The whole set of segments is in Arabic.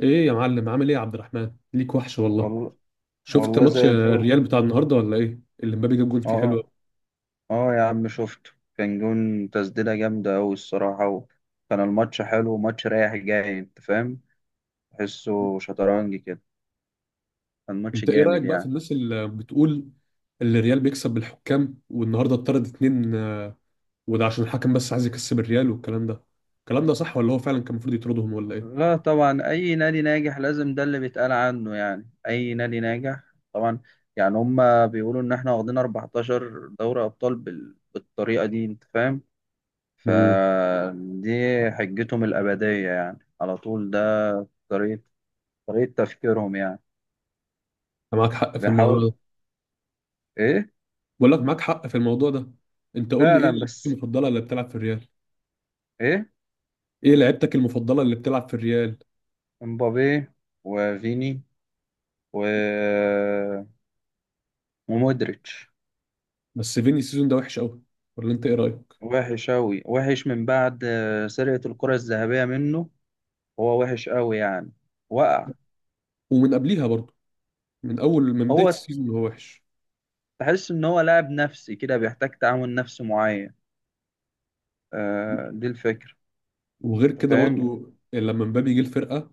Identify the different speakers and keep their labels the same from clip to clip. Speaker 1: ايه يا معلم، عامل ايه يا عبد الرحمن؟ ليك وحش والله.
Speaker 2: والله.
Speaker 1: شفت
Speaker 2: والله
Speaker 1: ماتش
Speaker 2: زي الفل.
Speaker 1: الريال بتاع النهارده ولا ايه؟ اللي مبابي جاب جول فيه حلو
Speaker 2: اه،
Speaker 1: أوي.
Speaker 2: اه يا عم شفته. كان جون، تسديدة جامدة أوي الصراحة، وكان الماتش حلو، وماتش رايح جاي أنت فاهم، تحسه شطرنج كده. كان ماتش
Speaker 1: انت ايه رايك
Speaker 2: جامد
Speaker 1: بقى في
Speaker 2: يعني.
Speaker 1: الناس اللي بتقول اللي الريال بيكسب بالحكام، والنهارده اتطرد اتنين، وده عشان الحكم بس عايز يكسب الريال؟ والكلام ده الكلام ده صح ولا هو فعلا كان المفروض يطردهم ولا ايه؟
Speaker 2: لا طبعا، أي نادي ناجح لازم ده اللي بيتقال عنه، يعني أي نادي ناجح. طبعا، يعني هما بيقولوا إن إحنا واخدين 14 دوري أبطال بالطريقة دي أنت فاهم.
Speaker 1: امم.
Speaker 2: فدي حجتهم الأبدية يعني، على طول ده طريقة طريقة تفكيرهم يعني.
Speaker 1: انت معاك حق في الموضوع
Speaker 2: بيحاول،
Speaker 1: ده.
Speaker 2: ايه
Speaker 1: بقول لك معاك حق في الموضوع ده. انت قول لي ايه
Speaker 2: فعلا
Speaker 1: لعيبتك
Speaker 2: بس.
Speaker 1: المفضله اللي بتلعب في الريال؟
Speaker 2: ايه؟
Speaker 1: ايه لعيبتك المفضله اللي بتلعب في الريال؟
Speaker 2: امبابي، وفيني، و... ومودريتش.
Speaker 1: بس فيني السيزون ده وحش قوي، ولا انت ايه رايك؟
Speaker 2: وحش أوي، وحش من بعد سرقة الكرة الذهبية منه. هو وحش أوي يعني، وقع.
Speaker 1: ومن قبليها برضه، من بدايه
Speaker 2: هو
Speaker 1: السيزون هو وحش.
Speaker 2: تحس إن هو لاعب نفسي كده، بيحتاج تعامل نفسي معين. آه دي الفكرة.
Speaker 1: وغير
Speaker 2: أنت
Speaker 1: كده
Speaker 2: فاهم؟
Speaker 1: برضو لما مبابي جه الفرقه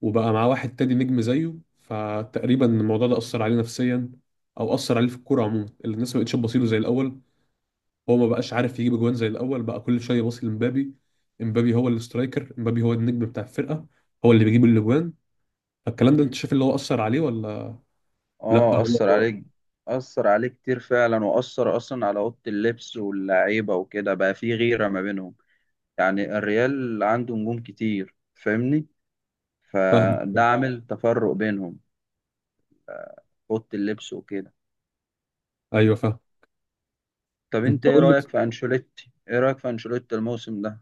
Speaker 1: وبقى معاه واحد تاني نجم زيه، فتقريبا الموضوع ده اثر عليه نفسيا، او اثر عليه في الكوره عموما. الناس ما بقتش تبصيله زي الاول، هو ما بقاش عارف يجيب اجوان زي الاول، بقى كل شويه باصي لمبابي. مبابي هو السترايكر، مبابي هو النجم بتاع الفرقه، هو اللي بيجيب الاجوان. فالكلام ده انت
Speaker 2: مم.
Speaker 1: شايف اللي هو اثر عليه ولا؟ لا
Speaker 2: اه أثر
Speaker 1: هو.
Speaker 2: عليك، أثر عليه كتير فعلا، وأثر أصلا على أوضة اللبس واللعيبة وكده، بقى في غيرة ما بينهم. يعني الريال عنده نجوم كتير فاهمني،
Speaker 1: فاهم.
Speaker 2: فده عامل تفرق بينهم، اوضه اللبس وكده.
Speaker 1: ايوه فاهم.
Speaker 2: طب
Speaker 1: انت
Speaker 2: انت ايه
Speaker 1: قول لي.
Speaker 2: رايك في انشيلوتي، ايه رايك في انشيلوتي الموسم ده؟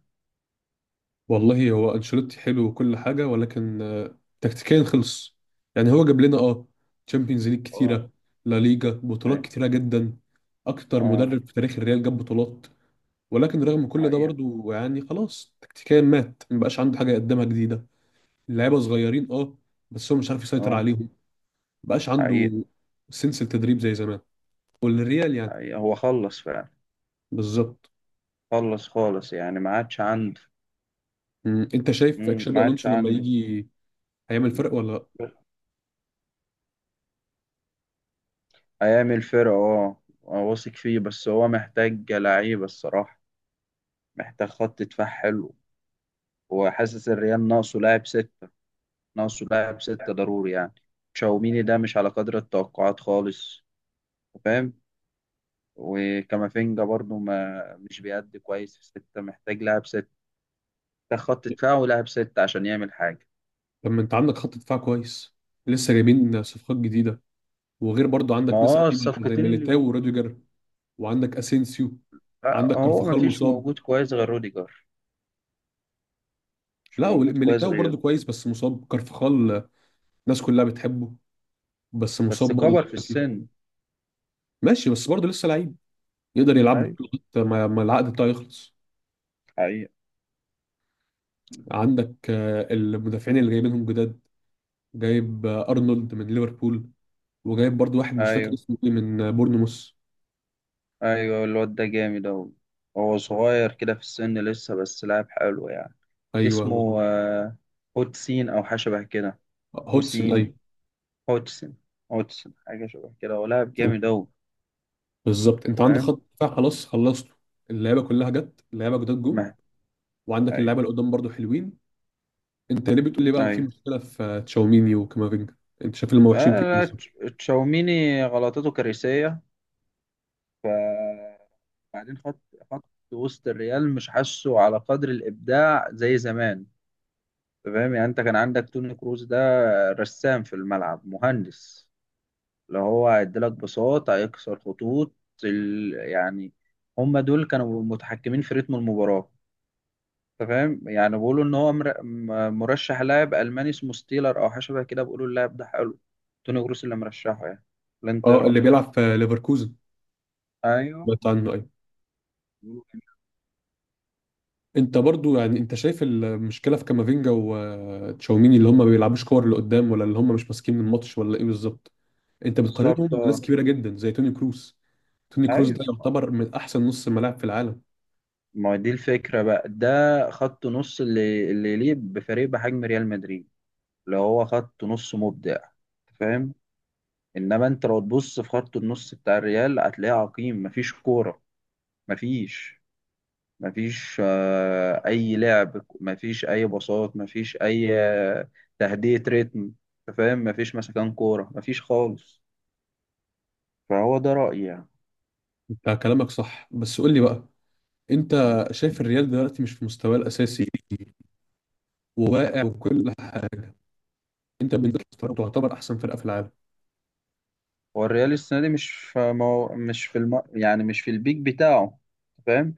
Speaker 1: والله هو انشيلوتي حلو وكل حاجه، ولكن تكتيكيا خلص. يعني هو جاب لنا تشامبيونز ليج
Speaker 2: اه.
Speaker 1: كتيره، لا ليجا، بطولات كتيره جدا. اكتر
Speaker 2: اه.
Speaker 1: مدرب في تاريخ الريال جاب بطولات، ولكن رغم كل ده
Speaker 2: حقيقه.
Speaker 1: برضو يعني خلاص تكتيكيا مات، مبقاش عنده حاجه يقدمها جديده. اللعيبه صغيرين، اه، بس هو مش عارف يسيطر
Speaker 2: اه.
Speaker 1: عليهم. مبقاش
Speaker 2: حقيقه.
Speaker 1: عنده سنس التدريب زي زمان والريال يعني
Speaker 2: حقيقه هو خلص فعلا،
Speaker 1: بالظبط.
Speaker 2: خلص خالص يعني، ما عادش عنده.
Speaker 1: انت شايف
Speaker 2: مم، ما
Speaker 1: اكشابي
Speaker 2: عادش
Speaker 1: الونسو لما
Speaker 2: عنده.
Speaker 1: يجي هيعمل فرق
Speaker 2: مم.
Speaker 1: ولا لا؟
Speaker 2: هيعمل فرقه اه. أنا واثق فيه، بس هو محتاج لعيبه الصراحه، محتاج خط دفاع حلو. وحاسس الريال ناقصه لاعب ست، ناقصه لاعب ستة ضروري يعني. تشاوميني ده مش على قدر التوقعات خالص، فاهم. وكامافينجا برضو ما مش بيأدي كويس في ستة، محتاج لاعب ستة. ده خط دفاع ولاعب ستة عشان يعمل حاجة.
Speaker 1: طب ما انت عندك خط دفاع كويس، لسه جايبين صفقات جديده، وغير برضو
Speaker 2: ما
Speaker 1: عندك ناس
Speaker 2: هو
Speaker 1: قديمه زي
Speaker 2: الصفقتين اللي
Speaker 1: ميليتاو
Speaker 2: جم دول،
Speaker 1: وروديجر، وعندك اسينسيو، عندك
Speaker 2: هو ما
Speaker 1: كارفخال
Speaker 2: فيش
Speaker 1: مصاب.
Speaker 2: موجود كويس غير روديجر، مش
Speaker 1: لا
Speaker 2: موجود كويس
Speaker 1: ميليتاو برضو
Speaker 2: غيره.
Speaker 1: كويس، بس مصاب كارفخال، الناس كلها بتحبه، بس مصاب
Speaker 2: بس
Speaker 1: برضو
Speaker 2: كبر في
Speaker 1: دلوقتي.
Speaker 2: السن.
Speaker 1: ماشي، بس برضو لسه لعيب، يقدر يلعب لك
Speaker 2: أيوة،
Speaker 1: لغايه ما العقد بتاعه يخلص.
Speaker 2: حقيقة.
Speaker 1: عندك المدافعين اللي جايبينهم جداد، جايب ارنولد من ليفربول، وجايب برضو واحد مش فاكر
Speaker 2: أيوة.
Speaker 1: اسمه ايه من بورنموث.
Speaker 2: أيوة الواد ده جامد أوي، هو صغير كده في السن لسه، بس لاعب حلو يعني.
Speaker 1: ايوه
Speaker 2: اسمه
Speaker 1: مظبوط.
Speaker 2: هوتسين او حاجه شبه كده.
Speaker 1: هودسون،
Speaker 2: حسين،
Speaker 1: ايوه.
Speaker 2: هوتسن. هوتسن حاجه شبه كده، هو لاعب جامد اوي.
Speaker 1: بالظبط، انت عندك
Speaker 2: فاهم.
Speaker 1: خط دفاع خلاص خلصته، اللعيبه كلها جت، اللعيبه جداد جم،
Speaker 2: ما
Speaker 1: وعندك
Speaker 2: ايوه.
Speaker 1: اللعيبه اللي قدام برضو حلوين. انت ليه بتقول لي بقى في
Speaker 2: ايوه،
Speaker 1: مشكله في تشاوميني وكامافينجا؟ انت شايف اللي هم وحشين
Speaker 2: آه،
Speaker 1: في ايه
Speaker 2: لا،
Speaker 1: بالظبط؟
Speaker 2: تش- تشاوميني غلطته كارثيه. ف بعدين خط وسط الريال مش حاسه على قدر الابداع زي زمان. أنت فاهم يعني، انت كان عندك توني كروز ده، رسام في الملعب، مهندس، اللي هو هيديلك بساط، هيكسر خطوط يعني. هم دول كانوا متحكمين في رتم المباراة. انت فاهم يعني بيقولوا ان هو مرشح لاعب الماني اسمه ستيلر او حاجه شبه كده، بيقولوا اللاعب ده حلو. توني جروس اللي مرشحه يعني، ولا انت إيه
Speaker 1: اه، اللي
Speaker 2: رأيك؟
Speaker 1: بيلعب في ليفركوزن،
Speaker 2: ايوه
Speaker 1: سمعت عنه ايوه.
Speaker 2: بيقولوا كده.
Speaker 1: انت برضو يعني انت شايف المشكله في كامافينجا وتشاوميني اللي هم ما بيلعبوش كور اللي قدام، ولا اللي هم مش ماسكين الماتش ولا ايه بالظبط؟ انت بتقارنهم
Speaker 2: بالظبط
Speaker 1: بناس
Speaker 2: اه.
Speaker 1: كبيره جدا زي توني كروس. توني كروس
Speaker 2: ايوه،
Speaker 1: ده يعتبر من احسن نص ملاعب في العالم.
Speaker 2: ما هو دي الفكرة بقى ده، خط نص اللي يليق بفريق بحجم ريال مدريد، اللي هو خط نص مبدع، فاهم. انما انت لو تبص في خط النص بتاع الريال هتلاقيه عقيم، مفيش كوره، مفيش مفيش اي لعب، مفيش اي باصات، مفيش اي تهدئه ريتم. أنت فاهم، مفيش مسكان كوره، مفيش خالص. فهو ده رايي يعني.
Speaker 1: انت كلامك صح، بس قول لي بقى، انت
Speaker 2: م.
Speaker 1: شايف الريال دلوقتي مش في مستواه الاساسي وواقع وكل حاجه؟ انت بالنسبه لك تعتبر احسن فرقه في العالم؟
Speaker 2: هو الريال السنه دي مش في مش في يعني مش في البيك بتاعه، أنت فاهم.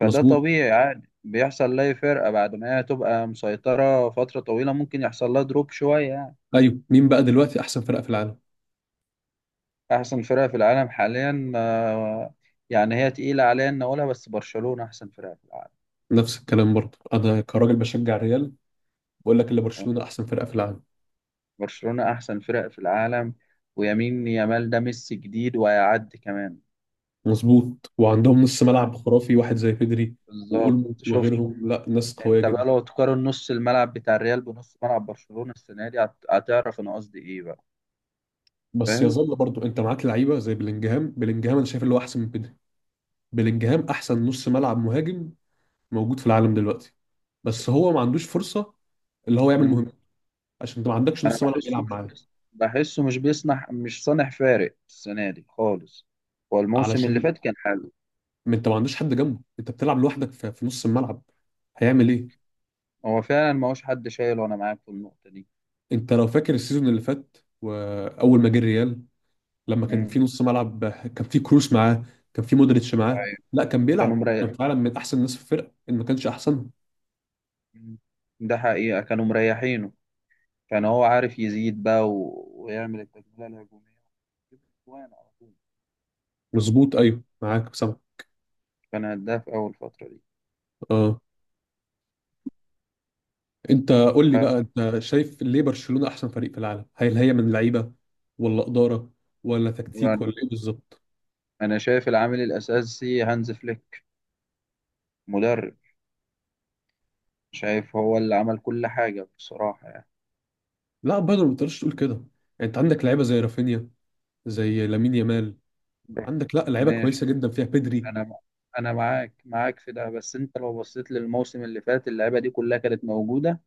Speaker 2: فده
Speaker 1: مظبوط،
Speaker 2: طبيعي عادي، بيحصل لاي فرقه بعد ما هي تبقى مسيطره فتره طويله، ممكن يحصل لها دروب شويه يعني.
Speaker 1: ايوه، مين بقى دلوقتي احسن فرقه في العالم؟
Speaker 2: احسن فرقه في العالم حاليا يعني هي تقيله عليا ان اقولها، بس برشلونه احسن فرقه في العالم.
Speaker 1: نفس الكلام برضه، انا كراجل بشجع الريال، بقول لك ان برشلونه احسن فرقه في العالم.
Speaker 2: برشلونه احسن فرقه في العالم. ويمين يامال ده ميسي جديد، وهيعدي كمان.
Speaker 1: مظبوط، وعندهم نص ملعب خرافي، واحد زي بيدري
Speaker 2: بالظبط،
Speaker 1: واولمو
Speaker 2: شفت؟
Speaker 1: وغيرهم، لا ناس قويه
Speaker 2: انت بقى
Speaker 1: جدا.
Speaker 2: لو تقارن نص الملعب بتاع الريال بنص ملعب برشلونه السنه دي، هتعرف انا قصدي ايه بقى،
Speaker 1: بس
Speaker 2: فاهم.
Speaker 1: يظل برضه انت معاك لعيبه زي بلينجهام، بلينجهام انا شايف اللي هو احسن من بيدري. بلينجهام احسن نص ملعب مهاجم موجود في العالم دلوقتي، بس هو ما عندوش فرصة اللي هو يعمل
Speaker 2: مم.
Speaker 1: مهم، عشان انت ما عندكش
Speaker 2: انا
Speaker 1: نص ملعب
Speaker 2: بحسه
Speaker 1: يلعب
Speaker 2: مش
Speaker 1: معاه.
Speaker 2: بس، بحسه مش بيصنع، مش صانع فارق السنه دي خالص. هو الموسم اللي
Speaker 1: علشان
Speaker 2: فات كان حلو.
Speaker 1: ما انت ما عندوش حد جنبه، انت بتلعب لوحدك في نص الملعب، هيعمل ايه؟
Speaker 2: هو فعلا ما هوش حد شايل، وانا معاك في النقطه
Speaker 1: انت لو فاكر السيزون اللي فات، واول ما جه الريال لما كان
Speaker 2: دي.
Speaker 1: في نص ملعب، كان في كروس معاه، كان في مودريتش معاه،
Speaker 2: أيوة.
Speaker 1: لا كان
Speaker 2: كانوا
Speaker 1: بيلعب وكان
Speaker 2: مريح،
Speaker 1: فعلا من احسن الناس في الفرقة، ان ما كانش احسنهم.
Speaker 2: ده حقيقة كانوا مريحينه. كان هو عارف يزيد بقى ويعمل التجميلة الهجومية، يجيب أجوان على طول.
Speaker 1: مظبوط، ايوه معاك سامع،
Speaker 2: كان هداف أول فترة دي.
Speaker 1: اه. انت قول لي
Speaker 2: ف-
Speaker 1: بقى، انت شايف ليه برشلونة احسن فريق في العالم؟ هل هي من لعيبة، ولا إدارة، ولا تكتيك،
Speaker 2: وأنا-
Speaker 1: ولا ايه بالظبط؟
Speaker 2: أنا شايف العامل الأساسي هانز فليك، مدرب. شايف هو اللي عمل كل حاجة بصراحة يعني.
Speaker 1: لا برضه ما تقدرش تقول كده يعني، انت عندك لعيبة زي رافينيا، زي لامين يامال،
Speaker 2: ده.
Speaker 1: عندك لا لعيبة
Speaker 2: ماشي.
Speaker 1: كويسة جدا فيها بيدري.
Speaker 2: أنا أنا معاك، في ده، بس أنت لو بصيت للموسم اللي فات اللعيبة دي كلها كانت موجودة.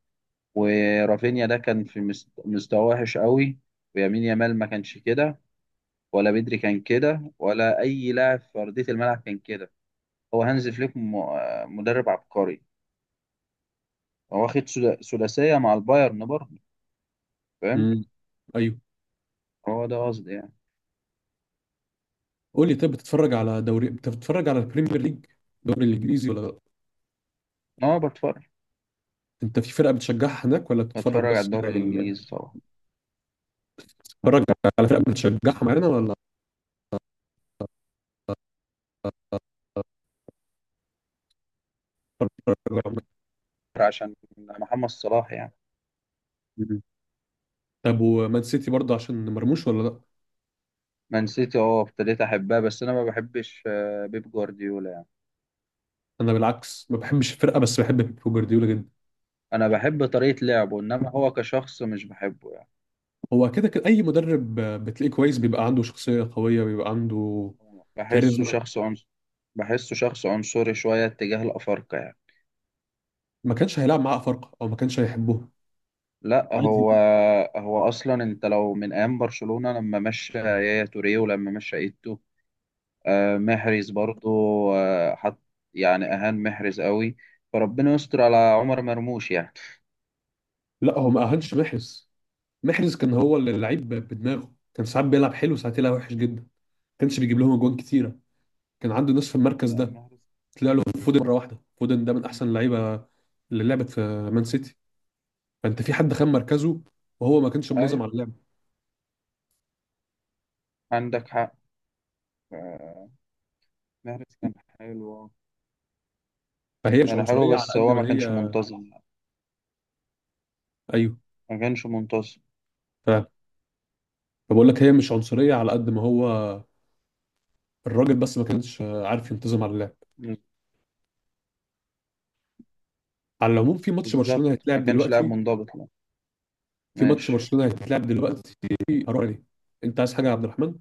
Speaker 2: ورافينيا ده كان في مستوى وحش قوي، ويمين يامال ما كانش كده، ولا بدري كان كده، ولا اي لاعب في ارضيه الملعب كان كده. هو هانز فليك مدرب عبقري. هو واخد ثلاثيه مع البايرن برضه، فاهم.
Speaker 1: امم، ايوه.
Speaker 2: هو ده قصدي يعني.
Speaker 1: قول لي طيب، بتتفرج على دوري، بتتفرج على البريمير ليج، الدوري الانجليزي، ولا لا؟
Speaker 2: إن هو بتفرج،
Speaker 1: انت في فرقة بتشجعها هناك، ولا بتتفرج
Speaker 2: بتفرج على
Speaker 1: بس على
Speaker 2: الدوري الانجليزي طبعا،
Speaker 1: بتتفرج على فرقة بتشجعها معانا، ولا بتتفرج على-
Speaker 2: عشان محمد صلاح يعني.
Speaker 1: مم. طب ومان سيتي برضه عشان مرموش ولا لا؟
Speaker 2: مان سيتي اه، ابتديت احبها، بس انا ما بحبش بيب جوارديولا يعني.
Speaker 1: انا بالعكس ما بحبش الفرقه، بس بحب بيب جوارديولا جدا.
Speaker 2: انا بحب طريقه لعبه، انما هو كشخص مش بحبه يعني.
Speaker 1: هو كده كده اي مدرب بتلاقيه كويس بيبقى عنده شخصيه قويه، بيبقى عنده
Speaker 2: بحسه
Speaker 1: كاريزما.
Speaker 2: شخص عنصري، بحسه شخص عنصري شويه اتجاه الافارقه يعني.
Speaker 1: ما كانش هيلعب معاه افارقه او ما كانش هيحبوه،
Speaker 2: لا
Speaker 1: عادي.
Speaker 2: هو، هو اصلا انت لو من ايام برشلونة لما مشى يايا توريه، ولما مشى ايتو، محرز برضو، حط يعني اهان محرز قوي، فربنا يستر على عمر مرموش يعني.
Speaker 1: لا هو ما اهانش محرز. محرز كان هو اللي اللعيب بدماغه، كان ساعات بيلعب حلو، ساعات يلعب وحش جدا، ما كانش بيجيب لهم اجوان كتيره. كان عنده ناس في المركز ده،
Speaker 2: محرز،
Speaker 1: طلع له فودن مره واحده. فودن ده من احسن اللعيبه اللي لعبت في مان سيتي، فانت في حد خان مركزه، وهو ما كانش منظم
Speaker 2: ايوه
Speaker 1: على اللعب.
Speaker 2: عندك حق. آه، محرز كان حلو،
Speaker 1: فهي مش
Speaker 2: كان حلو،
Speaker 1: عنصريه على
Speaker 2: بس
Speaker 1: قد
Speaker 2: هو ما
Speaker 1: ما
Speaker 2: كانش
Speaker 1: هي.
Speaker 2: منتظم،
Speaker 1: ايوه،
Speaker 2: ما كانش منتظم.
Speaker 1: فبقول لك هي مش عنصرية على قد ما هو الراجل، بس ما كانش عارف ينتظم على اللعب. على العموم في ماتش
Speaker 2: بالظبط،
Speaker 1: برشلونة
Speaker 2: ما
Speaker 1: هيتلعب
Speaker 2: كانش لاعب
Speaker 1: دلوقتي،
Speaker 2: منضبط لا.
Speaker 1: في ماتش
Speaker 2: ماشي،
Speaker 1: برشلونة هيتلعب دلوقتي، هروح عليه. انت عايز حاجة يا عبد الرحمن؟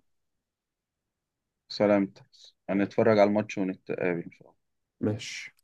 Speaker 2: سلامتك. هنتفرج على الماتش ونتقابل ان شاء الله.
Speaker 1: ماشي.